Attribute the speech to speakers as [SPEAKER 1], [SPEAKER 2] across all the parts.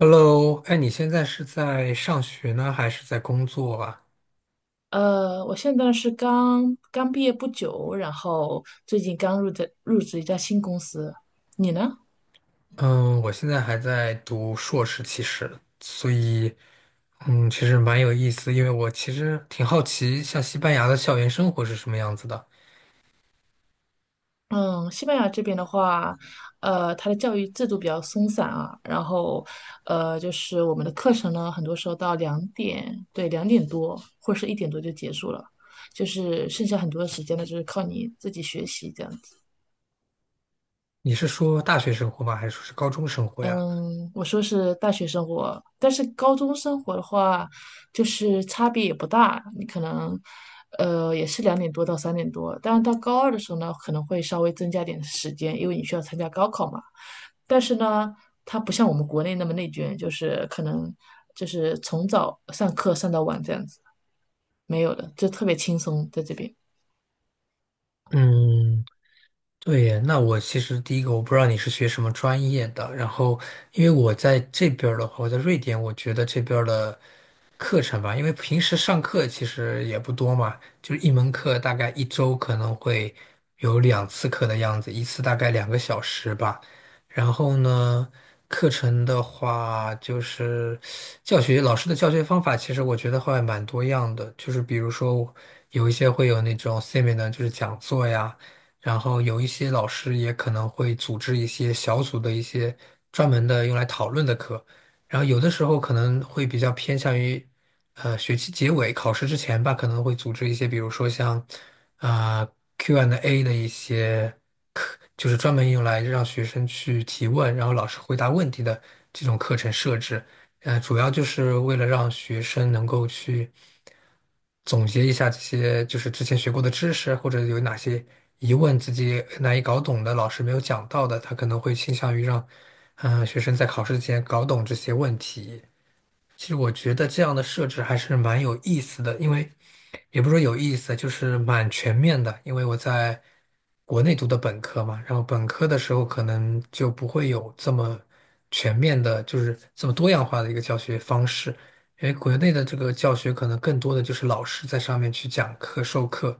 [SPEAKER 1] Hello，哎，你现在是在上学呢，还是在工作啊？
[SPEAKER 2] 我现在是刚刚毕业不久，然后最近刚入职一家新公司。你呢？
[SPEAKER 1] 嗯，我现在还在读硕士，其实，所以，其实蛮有意思，因为我其实挺好奇，像西班牙的校园生活是什么样子的。
[SPEAKER 2] 嗯，西班牙这边的话，它的教育制度比较松散啊，然后，就是我们的课程呢，很多时候到两点，对，两点多或者是一点多就结束了，就是剩下很多的时间呢，就是靠你自己学习这样子。
[SPEAKER 1] 你是说大学生活吗？还是说是高中生活呀？
[SPEAKER 2] 嗯，我说是大学生活，但是高中生活的话，就是差别也不大。你可能，也是两点多到三点多，但是到高二的时候呢，可能会稍微增加点时间，因为你需要参加高考嘛。但是呢，它不像我们国内那么内卷，就是可能就是从早上课上到晚这样子，没有的，就特别轻松在这边。
[SPEAKER 1] 嗯。对耶，那我其实第一个我不知道你是学什么专业的，然后因为我在这边儿的话，我在瑞典，我觉得这边儿的课程吧，因为平时上课其实也不多嘛，就是一门课大概一周可能会有两次课的样子，一次大概两个小时吧。然后呢，课程的话就是教学老师的教学方法，其实我觉得会蛮多样的，就是比如说有一些会有那种 seminar，就是讲座呀。然后有一些老师也可能会组织一些小组的一些专门的用来讨论的课，然后有的时候可能会比较偏向于，学期结尾考试之前吧，可能会组织一些，比如说像，啊、Q&A n d A 的一些。就是专门用来让学生去提问，然后老师回答问题的这种课程设置。主要就是为了让学生能够去总结一下这些就是之前学过的知识，或者有哪些疑问自己难以搞懂的，老师没有讲到的，他可能会倾向于让学生在考试之前搞懂这些问题。其实我觉得这样的设置还是蛮有意思的，因为也不是说有意思，就是蛮全面的。因为我在国内读的本科嘛，然后本科的时候可能就不会有这么全面的，就是这么多样化的一个教学方式。因为国内的这个教学可能更多的就是老师在上面去讲课、授课，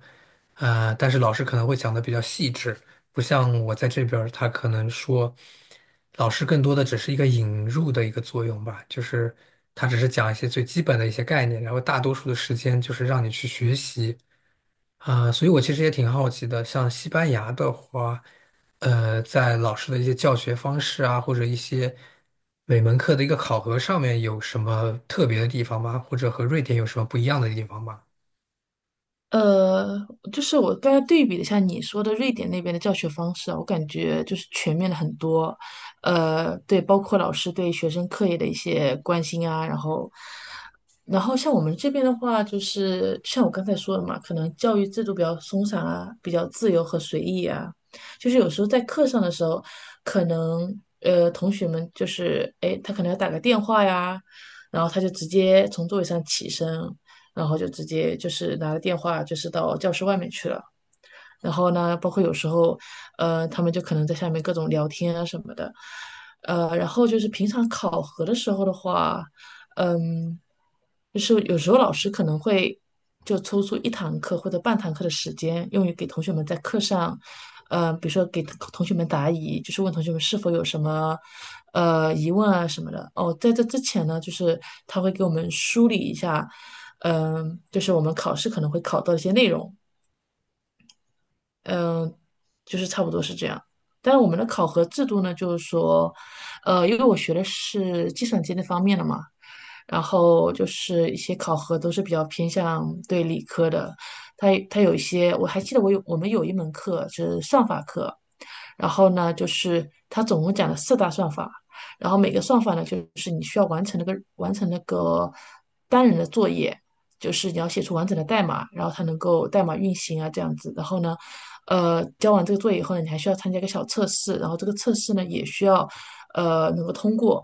[SPEAKER 1] 但是老师可能会讲的比较细致，不像我在这边儿他可能说，老师更多的只是一个引入的一个作用吧，就是他只是讲一些最基本的一些概念，然后大多数的时间就是让你去学习所以我其实也挺好奇的，像西班牙的话，在老师的一些教学方式啊，或者一些每门课的一个考核上面有什么特别的地方吗？或者和瑞典有什么不一样的地方吗？
[SPEAKER 2] 呃，就是我刚才对比了一下你说的瑞典那边的教学方式啊，我感觉就是全面了很多，对，包括老师对学生课业的一些关心啊，然后像我们这边的话，就是像我刚才说的嘛，可能教育制度比较松散啊，比较自由和随意啊。就是有时候在课上的时候，可能同学们就是哎，诶他可能要打个电话呀，然后他就直接从座位上起身，然后就直接就是拿着电话就是到教室外面去了。然后呢，包括有时候，他们就可能在下面各种聊天啊什么的，然后就是平常考核的时候的话，嗯，就是有时候老师可能会就抽出一堂课或者半堂课的时间，用于给同学们在课上，比如说给同学们答疑，就是问同学们是否有什么疑问啊什么的。哦，在这之前呢，就是他会给我们梳理一下，就是我们考试可能会考到一些内容。嗯，就是差不多是这样。但是我们的考核制度呢，就是说，因为我学的是计算机那方面的嘛，然后就是一些考核都是比较偏向对理科的。它有一些，我还记得我们有一门课是算法课，然后呢，就是它总共讲了四大算法，然后每个算法呢，就是你需要完成那个单人的作业。就是你要写出完整的代码，然后它能够代码运行啊这样子。然后呢，交完这个作业以后呢，你还需要参加一个小测试，然后这个测试呢也需要能够通过。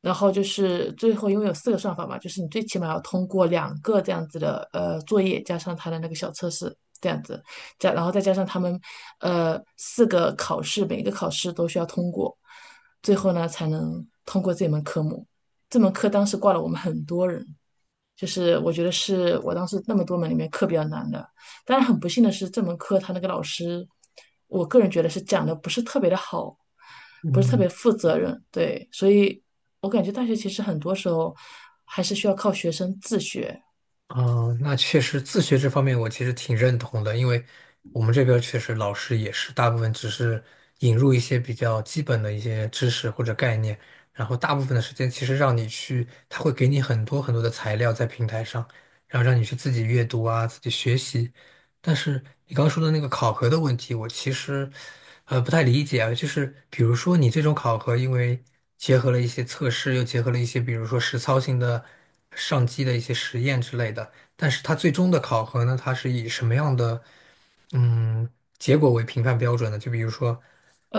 [SPEAKER 2] 然后就是最后，因为有四个算法嘛，就是你最起码要通过两个这样子的作业，加上它的那个小测试这样子，然后再加上他们四个考试，每一个考试都需要通过，最后呢才能通过这门科目。这门课当时挂了我们很多人。就是我觉得是我当时那么多门里面课比较难的。当然很不幸的是，这门课他那个老师，我个人觉得是讲的不是特别的好，不是特
[SPEAKER 1] 嗯。
[SPEAKER 2] 别负责任。对，所以我感觉大学其实很多时候还是需要靠学生自学。
[SPEAKER 1] 哦，那确实，自学这方面我其实挺认同的，因为我们这边儿确实老师也是大部分只是引入一些比较基本的一些知识或者概念，然后大部分的时间其实让你去，他会给你很多很多的材料在平台上，然后让你去自己阅读啊，自己学习。但是你刚刚说的那个考核的问题，我其实不太理解啊。就是比如说你这种考核，因为结合了一些测试，又结合了一些比如说实操性的上机的一些实验之类的，但是它最终的考核呢，它是以什么样的嗯结果为评判标准呢？就比如说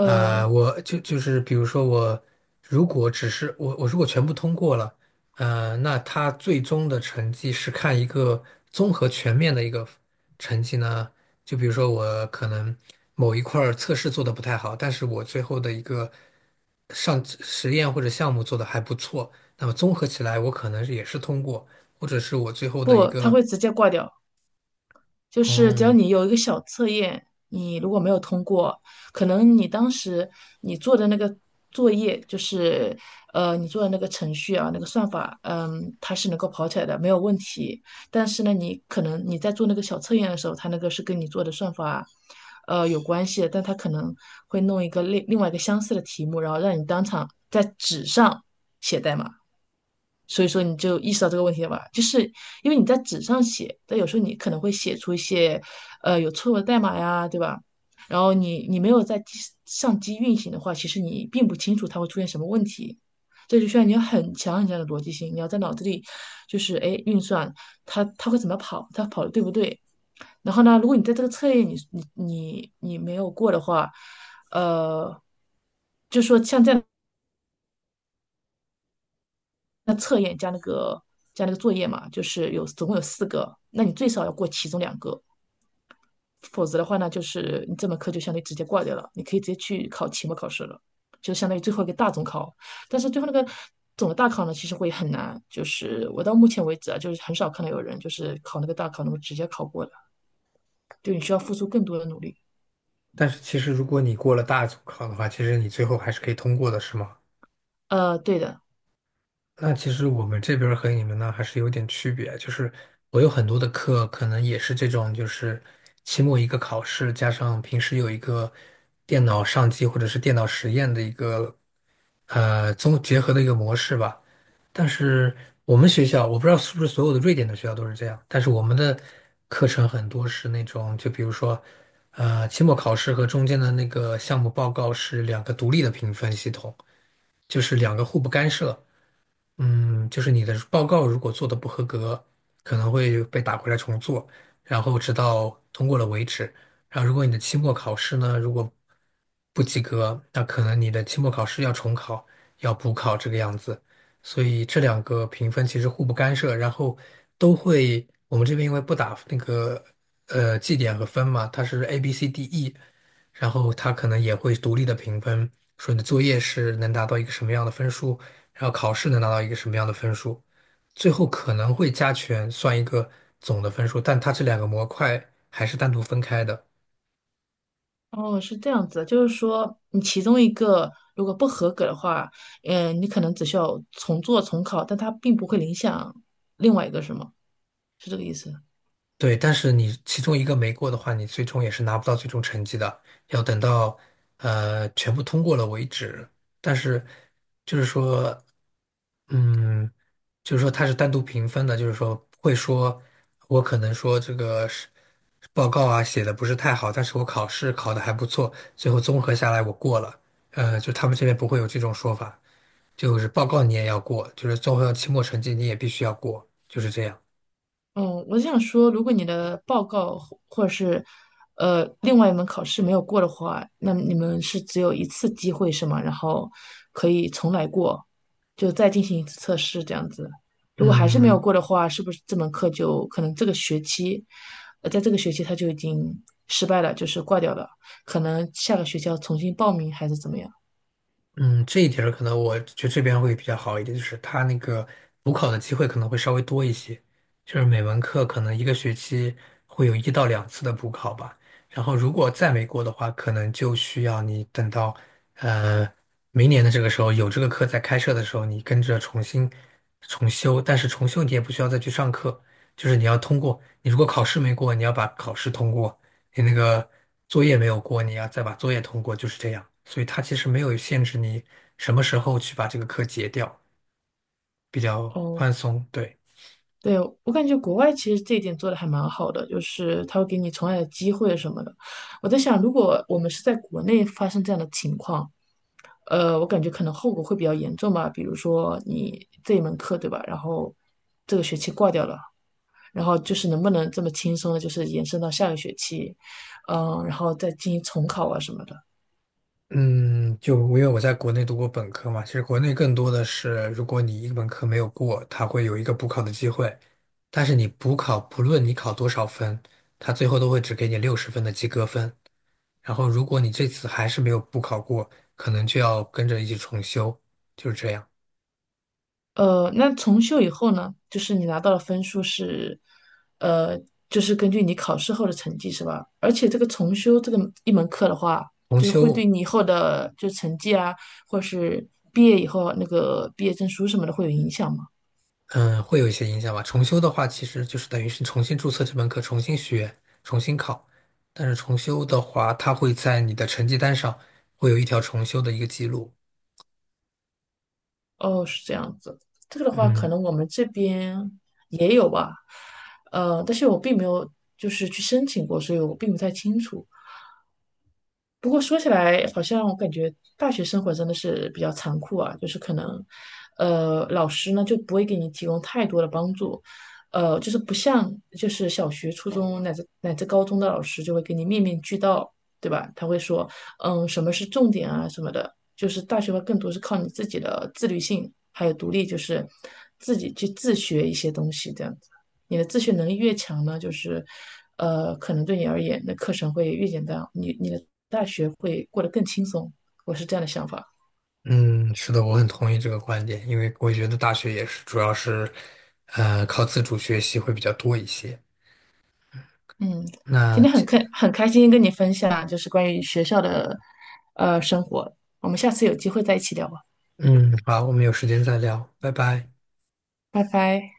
[SPEAKER 1] 我就是比如说我如果只是我如果全部通过了。那他最终的成绩是看一个综合全面的一个成绩呢？就比如说我可能某一块儿测试做的不太好，但是我最后的一个上实验或者项目做的还不错，那么综合起来我可能也是通过，或者是我最后的一
[SPEAKER 2] 不，他
[SPEAKER 1] 个，
[SPEAKER 2] 会直接挂掉。就是只要
[SPEAKER 1] 嗯，
[SPEAKER 2] 你有一个小测验，你如果没有通过，可能你当时你做的那个作业，就是你做的那个程序啊，那个算法，它是能够跑起来的，没有问题。但是呢，你可能你在做那个小测验的时候，它那个是跟你做的算法。有关系的，但它可能会弄一个另外一个相似的题目，然后让你当场在纸上写代码。所以说你就意识到这个问题了吧？就是因为你在纸上写，但有时候你可能会写出一些有错误的代码呀，对吧？然后你没有上机运行的话，其实你并不清楚它会出现什么问题。这就需要你有很强很强的逻辑性，你要在脑子里就是哎运算它会怎么跑，它跑的对不对？然后呢，如果你在这个测验你没有过的话，呃，就说像这样。那测验加那个作业嘛，就是有总共有四个，那你最少要过其中两个，否则的话呢，就是你这门课就相当于直接挂掉了，你可以直接去考期末考试了，就相当于最后一个大总考。但是最后那个总的大考呢，其实会很难，就是我到目前为止啊，就是很少看到有人就是考那个大考能够直接考过的，就你需要付出更多的努力。
[SPEAKER 1] 但是其实如果你过了大组考的话，其实你最后还是可以通过的，是吗？
[SPEAKER 2] 对的，
[SPEAKER 1] 那其实我们这边儿和你们呢还是有点区别，就是我有很多的课可能也是这种，就是期末一个考试，加上平时有一个电脑上机或者是电脑实验的一个结合的一个模式吧。但是我们学校，我不知道是不是所有的瑞典的学校都是这样，但是我们的课程很多是那种，就比如说期末考试和中间的那个项目报告是两个独立的评分系统，就是两个互不干涉。嗯，就是你的报告如果做的不合格，可能会被打回来重做，然后直到通过了为止。然后如果你的期末考试呢，如果不及格，那可能你的期末考试要重考，要补考这个样子。所以这两个评分其实互不干涉，然后都会，我们这边因为不打那个绩点和分嘛，它是 A、B、C、D、E，然后他可能也会独立的评分，说你的作业是能达到一个什么样的分数，然后考试能拿到一个什么样的分数，最后可能会加权算一个总的分数，但它这两个模块还是单独分开的。
[SPEAKER 2] 哦，是这样子的，就是说你其中一个如果不合格的话，嗯，你可能只需要重做重考，但它并不会影响另外一个，是吗？是这个意思。
[SPEAKER 1] 对，但是你其中一个没过的话，你最终也是拿不到最终成绩的，要等到全部通过了为止。但是就是说。嗯，就是说它是单独评分的，就是说会说，我可能说这个是报告啊写的不是太好，但是我考试考的还不错，最后综合下来我过了。就他们这边不会有这种说法，就是报告你也要过，就是综合期末成绩你也必须要过，就是这样。
[SPEAKER 2] 嗯，我想说，如果你的报告或或者是另外一门考试没有过的话，那你们是只有一次机会是吗？然后可以重来过，就再进行一次测试这样子。如果还是没有
[SPEAKER 1] 嗯，
[SPEAKER 2] 过的话，是不是这门课就可能这个学期，在这个学期它就已经失败了，就是挂掉了，可能下个学期要重新报名还是怎么样？
[SPEAKER 1] 嗯，这一点儿可能我觉得这边会比较好一点，就是它那个补考的机会可能会稍微多一些，就是每门课可能一个学期会有一到两次的补考吧。然后如果再没过的话，可能就需要你等到呃明年的这个时候有这个课在开设的时候，你跟着重新重修，但是重修你也不需要再去上课，就是你要通过，你如果考试没过，你要把考试通过；你那个作业没有过，你要再把作业通过，就是这样。所以它其实没有限制你什么时候去把这个课结掉，比较
[SPEAKER 2] 哦，
[SPEAKER 1] 宽松。对，
[SPEAKER 2] 对，我感觉国外其实这一点做的还蛮好的，就是他会给你重来的机会什么的。我在想，如果我们是在国内发生这样的情况，我感觉可能后果会比较严重吧。比如说你这一门课，对吧？然后这个学期挂掉了，然后就是能不能这么轻松的，就是延伸到下个学期，然后再进行重考啊什么的。
[SPEAKER 1] 嗯，就因为我在国内读过本科嘛，其实国内更多的是，如果你一个本科没有过，它会有一个补考的机会，但是你补考，不论你考多少分，它最后都会只给你60分的及格分。然后如果你这次还是没有补考过，可能就要跟着一起重修，就是这样。
[SPEAKER 2] 那重修以后呢，就是你拿到的分数是，呃，就是根据你考试后的成绩是吧？而且这个重修这个一门课的话，
[SPEAKER 1] 重
[SPEAKER 2] 就是会对
[SPEAKER 1] 修。
[SPEAKER 2] 你以后的就成绩啊，或者是毕业以后那个毕业证书什么的会有影响吗？
[SPEAKER 1] 嗯，会有一些影响吧。重修的话，其实就是等于是重新注册这门课，重新学，重新考。但是重修的话，它会在你的成绩单上会有一条重修的一个记录。
[SPEAKER 2] 哦，是这样子。这个的话，
[SPEAKER 1] 嗯
[SPEAKER 2] 可能我们这边也有吧，但是我并没有就是去申请过，所以我并不太清楚。不过说起来，好像我感觉大学生活真的是比较残酷啊，就是可能，老师呢就不会给你提供太多的帮助，就是不像就是小学、初中乃至高中的老师就会给你面面俱到，对吧？他会说，什么是重点啊什么的，就是大学会更多是靠你自己的自律性还有独立，就是自己去自学一些东西这的。你的自学能力越强呢，就是可能对你而言，那课程会越简单，你的大学会过得更轻松。我是这样的想法。
[SPEAKER 1] 嗯，是的，我很同意这个观点，因为我觉得大学也是主要是，靠自主学习会比较多一些。
[SPEAKER 2] 嗯，今
[SPEAKER 1] 那
[SPEAKER 2] 天很
[SPEAKER 1] 这，
[SPEAKER 2] 开很开心跟你分享，就是关于学校的生活。我们下次有机会再一起聊吧，
[SPEAKER 1] 嗯，好，我们有时间再聊，拜拜。
[SPEAKER 2] 拜拜。